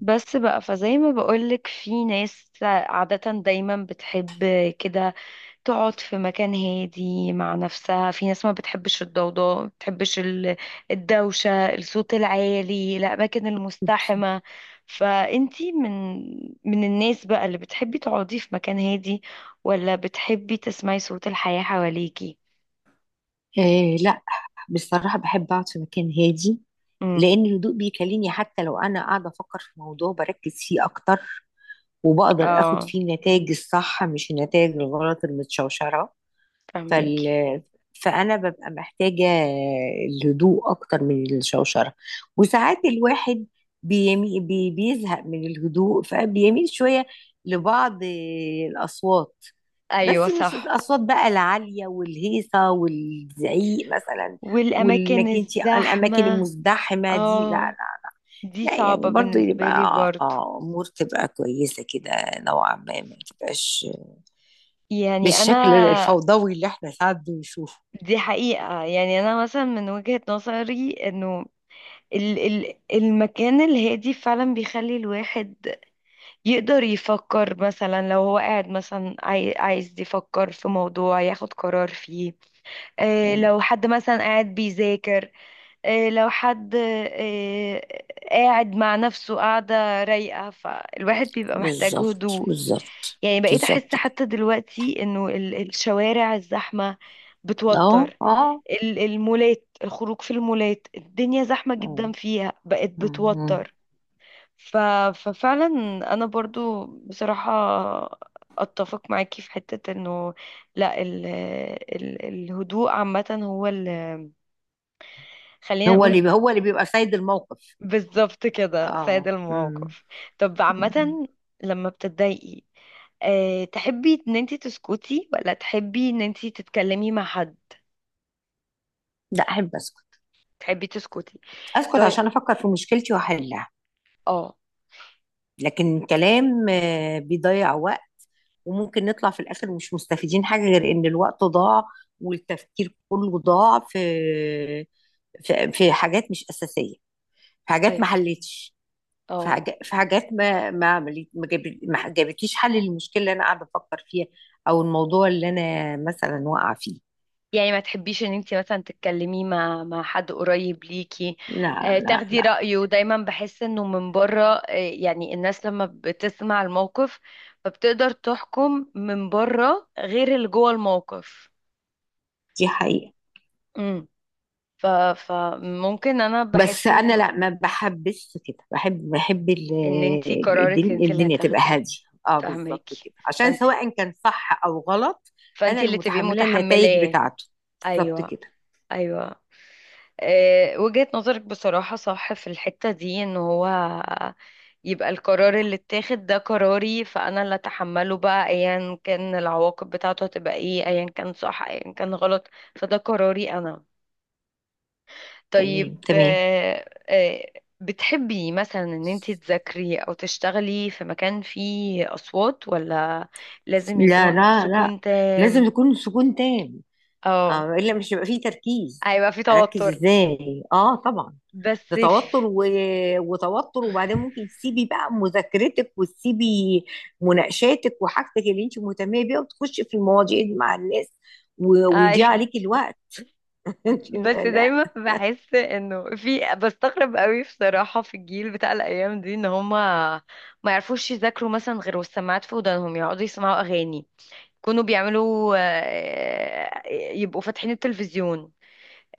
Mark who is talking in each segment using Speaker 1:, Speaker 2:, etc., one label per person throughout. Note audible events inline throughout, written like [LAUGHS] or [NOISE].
Speaker 1: بس بقى فزي ما بقولك، في ناس عادة دايما بتحب كده تقعد في مكان هادي مع نفسها، في ناس ما بتحبش الضوضاء، ما بتحبش الدوشة، الصوت العالي، الأماكن
Speaker 2: أوكي.
Speaker 1: المزدحمة. فأنتي من الناس بقى اللي بتحبي تقعدي في مكان هادي، ولا بتحبي تسمعي صوت الحياة حواليكي؟
Speaker 2: آه، لا. بصراحة بحب أقعد في مكان هادي،
Speaker 1: امم
Speaker 2: لأن الهدوء بيكلمني. حتى لو أنا قاعدة أفكر في موضوع بركز فيه أكتر، وبقدر أخد
Speaker 1: اه،
Speaker 2: فيه النتائج الصح، مش النتائج الغلط المتشوشرة. فال
Speaker 1: فهماكي.
Speaker 2: فانا ببقى محتاجه الهدوء اكتر من الشوشره. وساعات الواحد بيزهق من الهدوء، فبيميل شويه لبعض الاصوات.
Speaker 1: ايوه
Speaker 2: بس مش
Speaker 1: صح،
Speaker 2: الاصوات بقى العاليه والهيصه والزعيق مثلا.
Speaker 1: والأماكن
Speaker 2: وانك انت، الاماكن
Speaker 1: الزحمة.
Speaker 2: المزدحمه دي، لا
Speaker 1: اه،
Speaker 2: لا.
Speaker 1: دي
Speaker 2: لا يعني،
Speaker 1: صعبة
Speaker 2: برضو
Speaker 1: بالنسبة لي
Speaker 2: يبقى
Speaker 1: برضو.
Speaker 2: امور تبقى كويسه كده، نوعا ما تبقاش
Speaker 1: يعني أنا،
Speaker 2: بالشكل الفوضوي اللي احنا ساعات بنشوفه.
Speaker 1: دي حقيقة، يعني أنا مثلا من وجهة نظري أنه ال المكان الهادي فعلا بيخلي الواحد يقدر يفكر، مثلا لو هو قاعد مثلا عايز يفكر في موضوع ياخد قرار فيه، آه
Speaker 2: مم.
Speaker 1: لو حد مثلا قاعد بيذاكر، آه لو حد قاعد مع نفسه، قاعدة رايقة، فالواحد بيبقى محتاج
Speaker 2: بالظبط،
Speaker 1: هدوء.
Speaker 2: بالظبط،
Speaker 1: يعني بقيت احس
Speaker 2: بالظبط كده.
Speaker 1: حتى دلوقتي انه الشوارع الزحمة
Speaker 2: اهو،
Speaker 1: بتوتر،
Speaker 2: اه.
Speaker 1: المولات، الخروج في المولات، الدنيا زحمة جدا
Speaker 2: مم.
Speaker 1: فيها، بقت
Speaker 2: مم.
Speaker 1: بتوتر. ف... ففعلا انا برضو بصراحة اتفق معاكي في حتة انه، لا الهدوء عامة هو خلينا
Speaker 2: هو
Speaker 1: نقول،
Speaker 2: اللي هو اللي بيبقى سيد الموقف.
Speaker 1: بالظبط كده، سيد
Speaker 2: اه، مم.
Speaker 1: الموقف. طب
Speaker 2: مم.
Speaker 1: عامة، لما بتتضايقي، أه، تحبي ان انتي تسكتي ولا تحبي ان انتي تتكلمي مع حد؟
Speaker 2: لا، احب اسكت.
Speaker 1: تحبي تسكتي.
Speaker 2: اسكت
Speaker 1: طيب،
Speaker 2: عشان افكر في مشكلتي واحلها.
Speaker 1: اه.
Speaker 2: لكن الكلام بيضيع وقت، وممكن نطلع في الاخر مش مستفيدين حاجه غير ان الوقت ضاع، والتفكير كله ضاع في في حاجات مش اساسيه، في حاجات ما
Speaker 1: ايوه،
Speaker 2: حلتش، في
Speaker 1: اه،
Speaker 2: حاجات في حاجات ما عملت، ما جابتليش حل للمشكله اللي انا قاعده افكر فيها، او الموضوع اللي انا مثلا واقعه فيه.
Speaker 1: يعني ما تحبيش ان انتي مثلا تتكلمي مع حد قريب ليكي،
Speaker 2: لا
Speaker 1: أه،
Speaker 2: لا
Speaker 1: تاخدي
Speaker 2: لا.
Speaker 1: رأيه؟ دايما بحس انه من بره، أه، يعني الناس لما بتسمع الموقف فبتقدر تحكم من بره غير اللي جوه الموقف.
Speaker 2: دي حقيقه.
Speaker 1: امم، ف فممكن انا
Speaker 2: بس
Speaker 1: بحس
Speaker 2: انا
Speaker 1: انه
Speaker 2: لا، ما بحبش كده. بحب
Speaker 1: ان انتي قرارك
Speaker 2: الدنيا,
Speaker 1: انتي اللي
Speaker 2: الدنيا تبقى
Speaker 1: هتاخديه.
Speaker 2: هاديه. اه، بالظبط
Speaker 1: فاهماكي.
Speaker 2: كده، عشان
Speaker 1: فانت
Speaker 2: سواء كان صح او غلط، انا
Speaker 1: فانت
Speaker 2: اللي
Speaker 1: اللي تبقي
Speaker 2: متحمله النتائج
Speaker 1: متحملاه.
Speaker 2: بتاعته. بالظبط
Speaker 1: ايوه،
Speaker 2: كده.
Speaker 1: ايوه، آه، وجهة نظرك بصراحة صح في الحتة دي، ان هو يبقى القرار اللي اتاخد ده قراري، فانا اللي اتحمله بقى، ايا كان العواقب بتاعته هتبقى ايه، ايا كان صح ايا كان غلط، فده قراري انا.
Speaker 2: تمام،
Speaker 1: طيب،
Speaker 2: تمام.
Speaker 1: آه، آه، بتحبي مثلا ان انت تذاكري او تشتغلي في مكان فيه اصوات، ولا لازم
Speaker 2: لا
Speaker 1: يكون
Speaker 2: لا لا،
Speaker 1: سكون
Speaker 2: لازم
Speaker 1: تام؟
Speaker 2: يكون سكون تام. اه،
Speaker 1: اه،
Speaker 2: الا مش هيبقى فيه تركيز.
Speaker 1: هيبقى في
Speaker 2: اركز
Speaker 1: توتر.
Speaker 2: ازاي؟ اه، طبعا.
Speaker 1: بس
Speaker 2: ده
Speaker 1: في،
Speaker 2: توتر، وتوتر، وبعدين ممكن تسيبي بقى مذاكرتك، وتسيبي مناقشاتك وحاجتك اللي انت مهتمه بيها، وتخشي في المواضيع دي مع الناس،
Speaker 1: اي،
Speaker 2: ويضيع عليكي الوقت. [LAUGHS]
Speaker 1: بس
Speaker 2: لا
Speaker 1: دايما بحس انه في، بستغرب قوي بصراحة في الجيل بتاع الايام دي ان هما ما يعرفوش يذاكروا مثلا غير والسماعات في ودانهم يقعدوا يسمعوا اغاني. كانوا بيعملوا، آه، يبقوا فاتحين التلفزيون.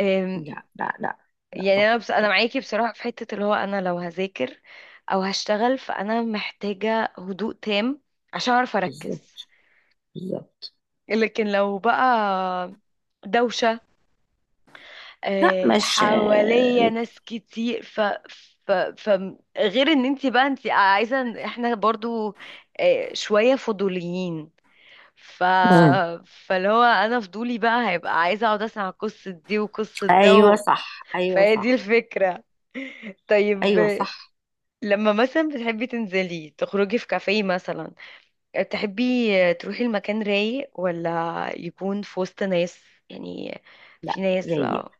Speaker 1: آم،
Speaker 2: لا لا لا. لا
Speaker 1: يعني انا
Speaker 2: طبعا،
Speaker 1: بس، انا
Speaker 2: لا.
Speaker 1: معاكي بصراحة في حتة اللي هو، انا لو هذاكر او هشتغل فانا محتاجة هدوء تام عشان اعرف اركز.
Speaker 2: بالظبط، بالظبط.
Speaker 1: لكن لو بقى دوشة،
Speaker 2: لا،
Speaker 1: آه،
Speaker 2: مش.
Speaker 1: حواليا ناس كتير، ف ف ف غير ان انت بقى انت عايزه، احنا برضو، آه، شويه فضوليين، ف
Speaker 2: مم.
Speaker 1: فاللي هو انا فضولي بقى هيبقى عايزه اقعد اسمع قصه دي وقصه ده
Speaker 2: ايوه
Speaker 1: و...
Speaker 2: صح، ايوه
Speaker 1: فهي دي
Speaker 2: صح،
Speaker 1: الفكره. طيب،
Speaker 2: ايوه
Speaker 1: آه،
Speaker 2: صح.
Speaker 1: لما مثلا بتحبي تنزلي تخرجي في كافيه مثلا، تحبي تروحي المكان رايق ولا يكون في وسط ناس؟ يعني في
Speaker 2: لا،
Speaker 1: ناس
Speaker 2: رايق.
Speaker 1: بقى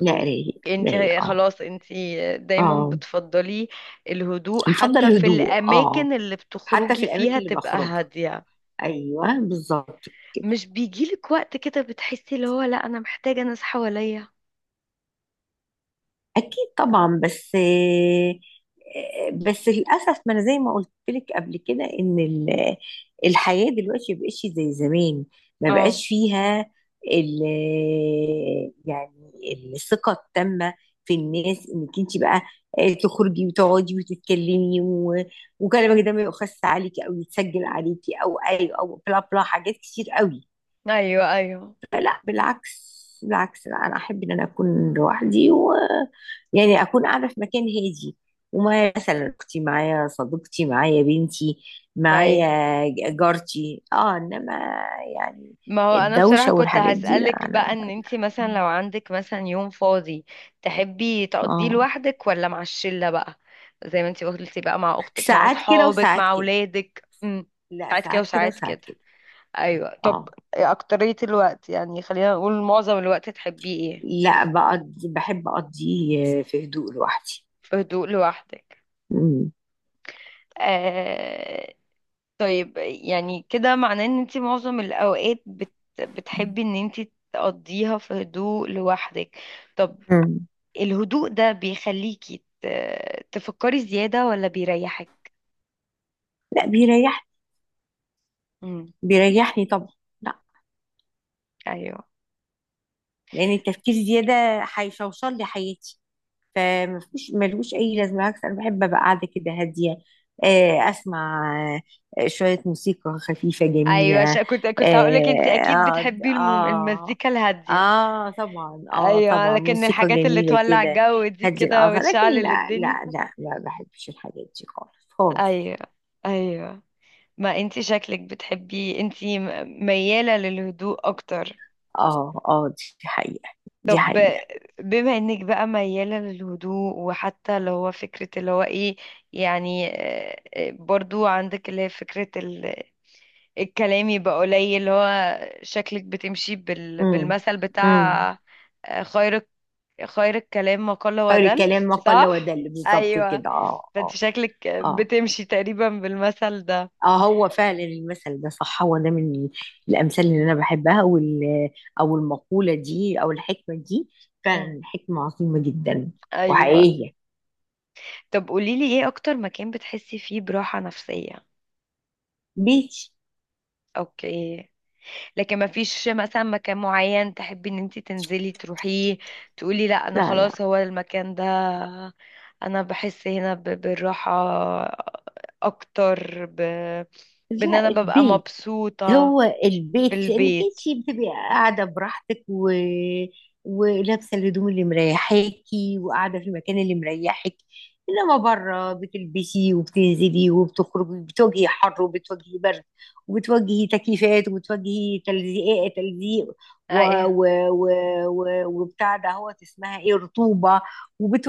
Speaker 2: لا، رايق.
Speaker 1: انت
Speaker 2: رايق، اه.
Speaker 1: خلاص انت دايما
Speaker 2: اه.
Speaker 1: بتفضلي الهدوء حتى
Speaker 2: نفضل
Speaker 1: في
Speaker 2: هدوء، اه.
Speaker 1: الاماكن اللي
Speaker 2: حتى في
Speaker 1: بتخرجي
Speaker 2: الاماكن
Speaker 1: فيها
Speaker 2: اللي
Speaker 1: تبقى
Speaker 2: بخرجها.
Speaker 1: هادية.
Speaker 2: ايوه بالظبط كده.
Speaker 1: مش بيجيلك وقت كده بتحسي اللي هو، لا انا محتاجة ناس حواليا؟
Speaker 2: اكيد طبعا، بس بس للاسف، ما انا زي ما قلت لك قبل كده ان الحياه دلوقتي ما بقتش زي زمان. ما
Speaker 1: اه،
Speaker 2: بقاش فيها ال يعني الثقه التامه في الناس، انك انت بقى تخرجي وتقعدي وتتكلمي، و- وكلامك ده ما يؤخذش عليكي او يتسجل عليكي او اي او بلا بلا، حاجات كتير قوي.
Speaker 1: ايوه، ايوه،
Speaker 2: لا بالعكس. بالعكس، لا. انا احب ان انا اكون لوحدي، و يعني اكون قاعده في مكان هادي. ومعايا مثلا اختي، معايا صديقتي، معايا بنتي، معايا
Speaker 1: ايوه.
Speaker 2: جارتي، اه. انما يعني
Speaker 1: ما هو انا بصراحة
Speaker 2: الدوشه
Speaker 1: كنت
Speaker 2: والحاجات دي، لا
Speaker 1: هسألك
Speaker 2: انا
Speaker 1: بقى، ان انتي مثلا
Speaker 2: ما-
Speaker 1: لو عندك مثلا يوم فاضي تحبي تقضيه
Speaker 2: اه.
Speaker 1: لوحدك ولا مع الشلة بقى، زي ما انتي قلتي بقى، مع اختك مع
Speaker 2: ساعات كده
Speaker 1: اصحابك
Speaker 2: وساعات
Speaker 1: مع
Speaker 2: كده.
Speaker 1: اولادك؟ امم،
Speaker 2: لا،
Speaker 1: ساعات كده
Speaker 2: ساعات كده
Speaker 1: وساعات كده،
Speaker 2: وساعات كده.
Speaker 1: ايوه. طب
Speaker 2: اه.
Speaker 1: إيه اكترية الوقت، يعني خلينا نقول معظم الوقت تحبيه ايه؟
Speaker 2: لا، بحب اقضي في هدوء لوحدي.
Speaker 1: في هدوء لوحدك.
Speaker 2: مم.
Speaker 1: آه... طيب يعني كده معناه ان انتي معظم الاوقات بتحبي ان انتي تقضيها في هدوء لوحدك. طب
Speaker 2: مم.
Speaker 1: الهدوء ده بيخليكي تفكري زيادة ولا بيريحك؟
Speaker 2: لا، بيريحني.
Speaker 1: امم،
Speaker 2: بيريحني طبعا. لا،
Speaker 1: ايوه،
Speaker 2: لان التفكير زياده هيشوشر لي حياتي، فمفيش، ملوش اي لازمه. بالعكس، انا بحب ابقى قاعده كده هاديه. اسمع شويه موسيقى خفيفه
Speaker 1: ايوه،
Speaker 2: جميله.
Speaker 1: عشان كنت هقولك انت اكيد
Speaker 2: اقعد،
Speaker 1: بتحبي
Speaker 2: اه.
Speaker 1: المزيكا الهادية.
Speaker 2: اه طبعا، اه
Speaker 1: ايوه،
Speaker 2: طبعا،
Speaker 1: لكن
Speaker 2: موسيقى
Speaker 1: الحاجات اللي
Speaker 2: جميله
Speaker 1: تولع
Speaker 2: كده.
Speaker 1: الجو دي
Speaker 2: هدي
Speaker 1: كده
Speaker 2: الاعصاب. لكن
Speaker 1: وتشعل
Speaker 2: لا
Speaker 1: الدنيا.
Speaker 2: لا لا، ما بحبش الحاجات دي خالص خالص.
Speaker 1: ايوه، ايوه، ما انت شكلك بتحبي انت، ميالة للهدوء اكتر.
Speaker 2: اه، اه. دي حقيقه. دي
Speaker 1: طب
Speaker 2: حقيقه.
Speaker 1: بما انك بقى ميالة للهدوء، وحتى اللي هو فكرة اللي هو ايه، يعني، آه، آه، برضو عندك اللي هي فكرة الكلام يبقى قليل، اللي هو شكلك بتمشي
Speaker 2: امم،
Speaker 1: بالمثل
Speaker 2: امم.
Speaker 1: بتاع، آه، خير، خير الكلام ما قل
Speaker 2: خير
Speaker 1: ودل،
Speaker 2: الكلام ما قل
Speaker 1: صح؟
Speaker 2: ودل. بالظبط
Speaker 1: ايوه،
Speaker 2: كده، اه
Speaker 1: فانت
Speaker 2: اه.
Speaker 1: شكلك
Speaker 2: اه،
Speaker 1: بتمشي تقريبا بالمثل ده.
Speaker 2: اه، هو فعلا المثل ده صح. هو ده من الامثال اللي انا بحبها، او المقوله دي، او الحكمه دي.
Speaker 1: مم.
Speaker 2: فعلا حكمه عظيمه جدا
Speaker 1: ايوه،
Speaker 2: وحقيقيه.
Speaker 1: طب قوليلي ايه اكتر مكان بتحسي فيه براحة نفسية؟
Speaker 2: بيت.
Speaker 1: اوكي، لكن ما فيش مثلا مكان معين تحبي ان انت تنزلي تروحيه، تقولي لا انا
Speaker 2: لا لا
Speaker 1: خلاص هو المكان ده، انا بحس هنا بالراحة اكتر ب... بان
Speaker 2: لا،
Speaker 1: انا ببقى
Speaker 2: البيت.
Speaker 1: مبسوطة.
Speaker 2: هو
Speaker 1: في
Speaker 2: البيت، لانك
Speaker 1: البيت،
Speaker 2: انت بتبقي قاعده براحتك، و... ولابسه الهدوم اللي مريحاكي، وقاعده في المكان اللي مريحك. انما بره، بتلبسي وبتنزلي وبتخرجي، بتواجهي حر وبتواجهي برد وبتواجهي تكييفات وبتواجهي تلزيق، تلزيق، و...
Speaker 1: ايوه.
Speaker 2: و... و... و... وبتاع ده، هو اسمها ايه، رطوبه.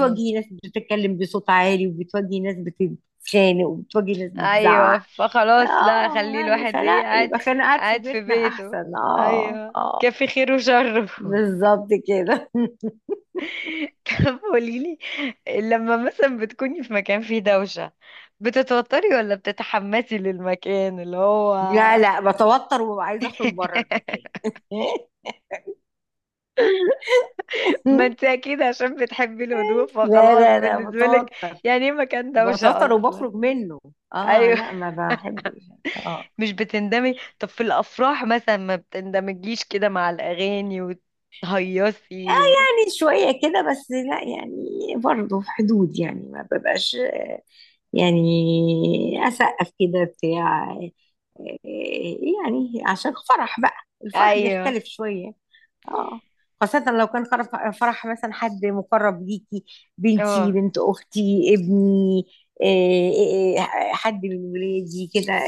Speaker 1: مم.
Speaker 2: ناس بتتكلم بصوت عالي، وبتواجهي ناس بتتخانق، وبتواجهي ناس
Speaker 1: ايوه،
Speaker 2: بتزعق.
Speaker 1: فخلاص لا،
Speaker 2: اه،
Speaker 1: خلي
Speaker 2: يعني
Speaker 1: الواحد ايه،
Speaker 2: فلا،
Speaker 1: قاعد
Speaker 2: يبقى كان قاعد في
Speaker 1: قاعد في
Speaker 2: بيتنا
Speaker 1: بيته.
Speaker 2: احسن، اه
Speaker 1: ايوه،
Speaker 2: اه.
Speaker 1: كافي خيره وشره.
Speaker 2: بالظبط كده. [LAUGHS]
Speaker 1: [LAUGHS] طب قوليلي، لما مثلا بتكوني في مكان فيه دوشة، بتتوتري ولا بتتحمسي للمكان اللي هو؟
Speaker 2: لا لا، بتوتر وببقى عايزه اخرج بره المكان.
Speaker 1: [LAUGHS]
Speaker 2: [LAUGHS]
Speaker 1: ما انت اكيد عشان بتحبي الهدوء
Speaker 2: لا
Speaker 1: فخلاص
Speaker 2: لا لا،
Speaker 1: بالنسبة لك،
Speaker 2: بتوتر.
Speaker 1: يعني ايه مكان دوشة
Speaker 2: بتوتر
Speaker 1: اصلا؟
Speaker 2: وبخرج منه. اه،
Speaker 1: ايوه،
Speaker 2: لا ما بحبش، اه.
Speaker 1: مش بتندمي؟ طب في الافراح مثلا، ما بتندمجيش كده مع الاغاني وتهيصي؟
Speaker 2: يعني شويه كده، بس لا يعني. برضه في حدود، يعني ما ببقاش يعني اسقف كده بتاع. يعني عشان فرح بقى، الفرح
Speaker 1: ايوه،
Speaker 2: بيختلف شوية، اه. خاصة لو كان فرح مثلا حد مقرب ليكي، بنتي،
Speaker 1: اه،
Speaker 2: بنت أختي، ابني، إيه، إيه، إيه، حد من ولادي كده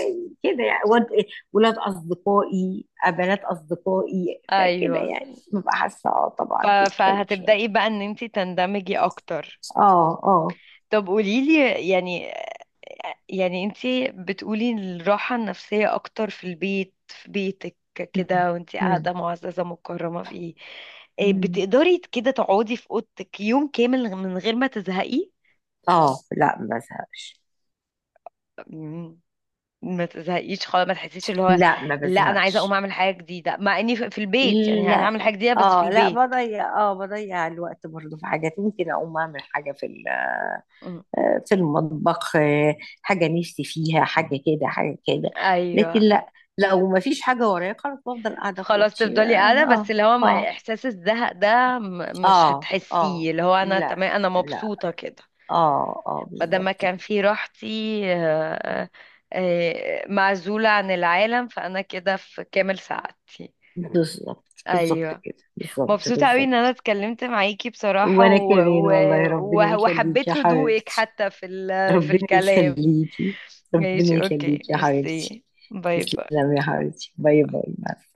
Speaker 2: كده. يعني ولاد أصدقائي، بنات أصدقائي، فكده
Speaker 1: ايوه،
Speaker 2: يعني ببقى حاسة، اه طبعا بيختلف
Speaker 1: فهتبدأي
Speaker 2: شوية.
Speaker 1: بقى ان انت تندمجي اكتر.
Speaker 2: اه، اه.
Speaker 1: طب قوليلي، يعني يعني انتي بتقولي الراحة النفسية اكتر في البيت، في بيتك
Speaker 2: مم.
Speaker 1: كده، وانتي
Speaker 2: مم.
Speaker 1: قاعدة معززة مكرمة فيه. إيه، آه،
Speaker 2: مم.
Speaker 1: بتقدري كده تقعدي في اوضتك يوم كامل من غير ما تزهقي؟
Speaker 2: اه لا، ما بزهقش.
Speaker 1: مم، ما تزهقيش خالص، ما تحسيش اللي هو،
Speaker 2: لا، ما
Speaker 1: لا انا عايزة اقوم
Speaker 2: بزهقش.
Speaker 1: اعمل حاجة جديدة، مع اني في في البيت، يعني
Speaker 2: لا،
Speaker 1: هعمل حاجة جديدة بس في
Speaker 2: اه، لا،
Speaker 1: البيت.
Speaker 2: بضيع الوقت برضه. في حاجات ممكن اقوم اعمل حاجه
Speaker 1: مم.
Speaker 2: في المطبخ، حاجه نفسي فيها، حاجه كده، حاجه كده. لكن
Speaker 1: ايوه،
Speaker 2: لا، لو ما فيش حاجه ورايا، خلاص بفضل قاعده في
Speaker 1: خلاص
Speaker 2: اوضتي،
Speaker 1: تفضلي قاعدة، بس
Speaker 2: اه.
Speaker 1: اللي هو
Speaker 2: اه
Speaker 1: احساس الزهق ده مش
Speaker 2: اه اه. آه.
Speaker 1: هتحسيه، اللي هو انا
Speaker 2: لا.
Speaker 1: تمام، انا
Speaker 2: لا.
Speaker 1: مبسوطة كده،
Speaker 2: اه اه،
Speaker 1: بدل ما
Speaker 2: بالظبط
Speaker 1: كان
Speaker 2: كده.
Speaker 1: في راحتي، آه، آه، معزولة عن العالم، فأنا كده في كامل سعادتي.
Speaker 2: بالظبط، بالظبط
Speaker 1: أيوة.
Speaker 2: كده، بالظبط،
Speaker 1: مبسوطة أوي إن أنا
Speaker 2: بالظبط.
Speaker 1: اتكلمت معاكي بصراحة،
Speaker 2: وانا كمان والله، ربنا
Speaker 1: و-
Speaker 2: يخليك يا
Speaker 1: وحبيت هدوءك
Speaker 2: حبيبتي.
Speaker 1: حتى في في
Speaker 2: ربنا
Speaker 1: الكلام.
Speaker 2: يخليكي. ربنا
Speaker 1: ماشي، أوكي،
Speaker 2: يخليكي يا حبيبتي.
Speaker 1: ميرسي. باي باي.
Speaker 2: تسلمي يا حبيبتي، باي باي، مع السلامة.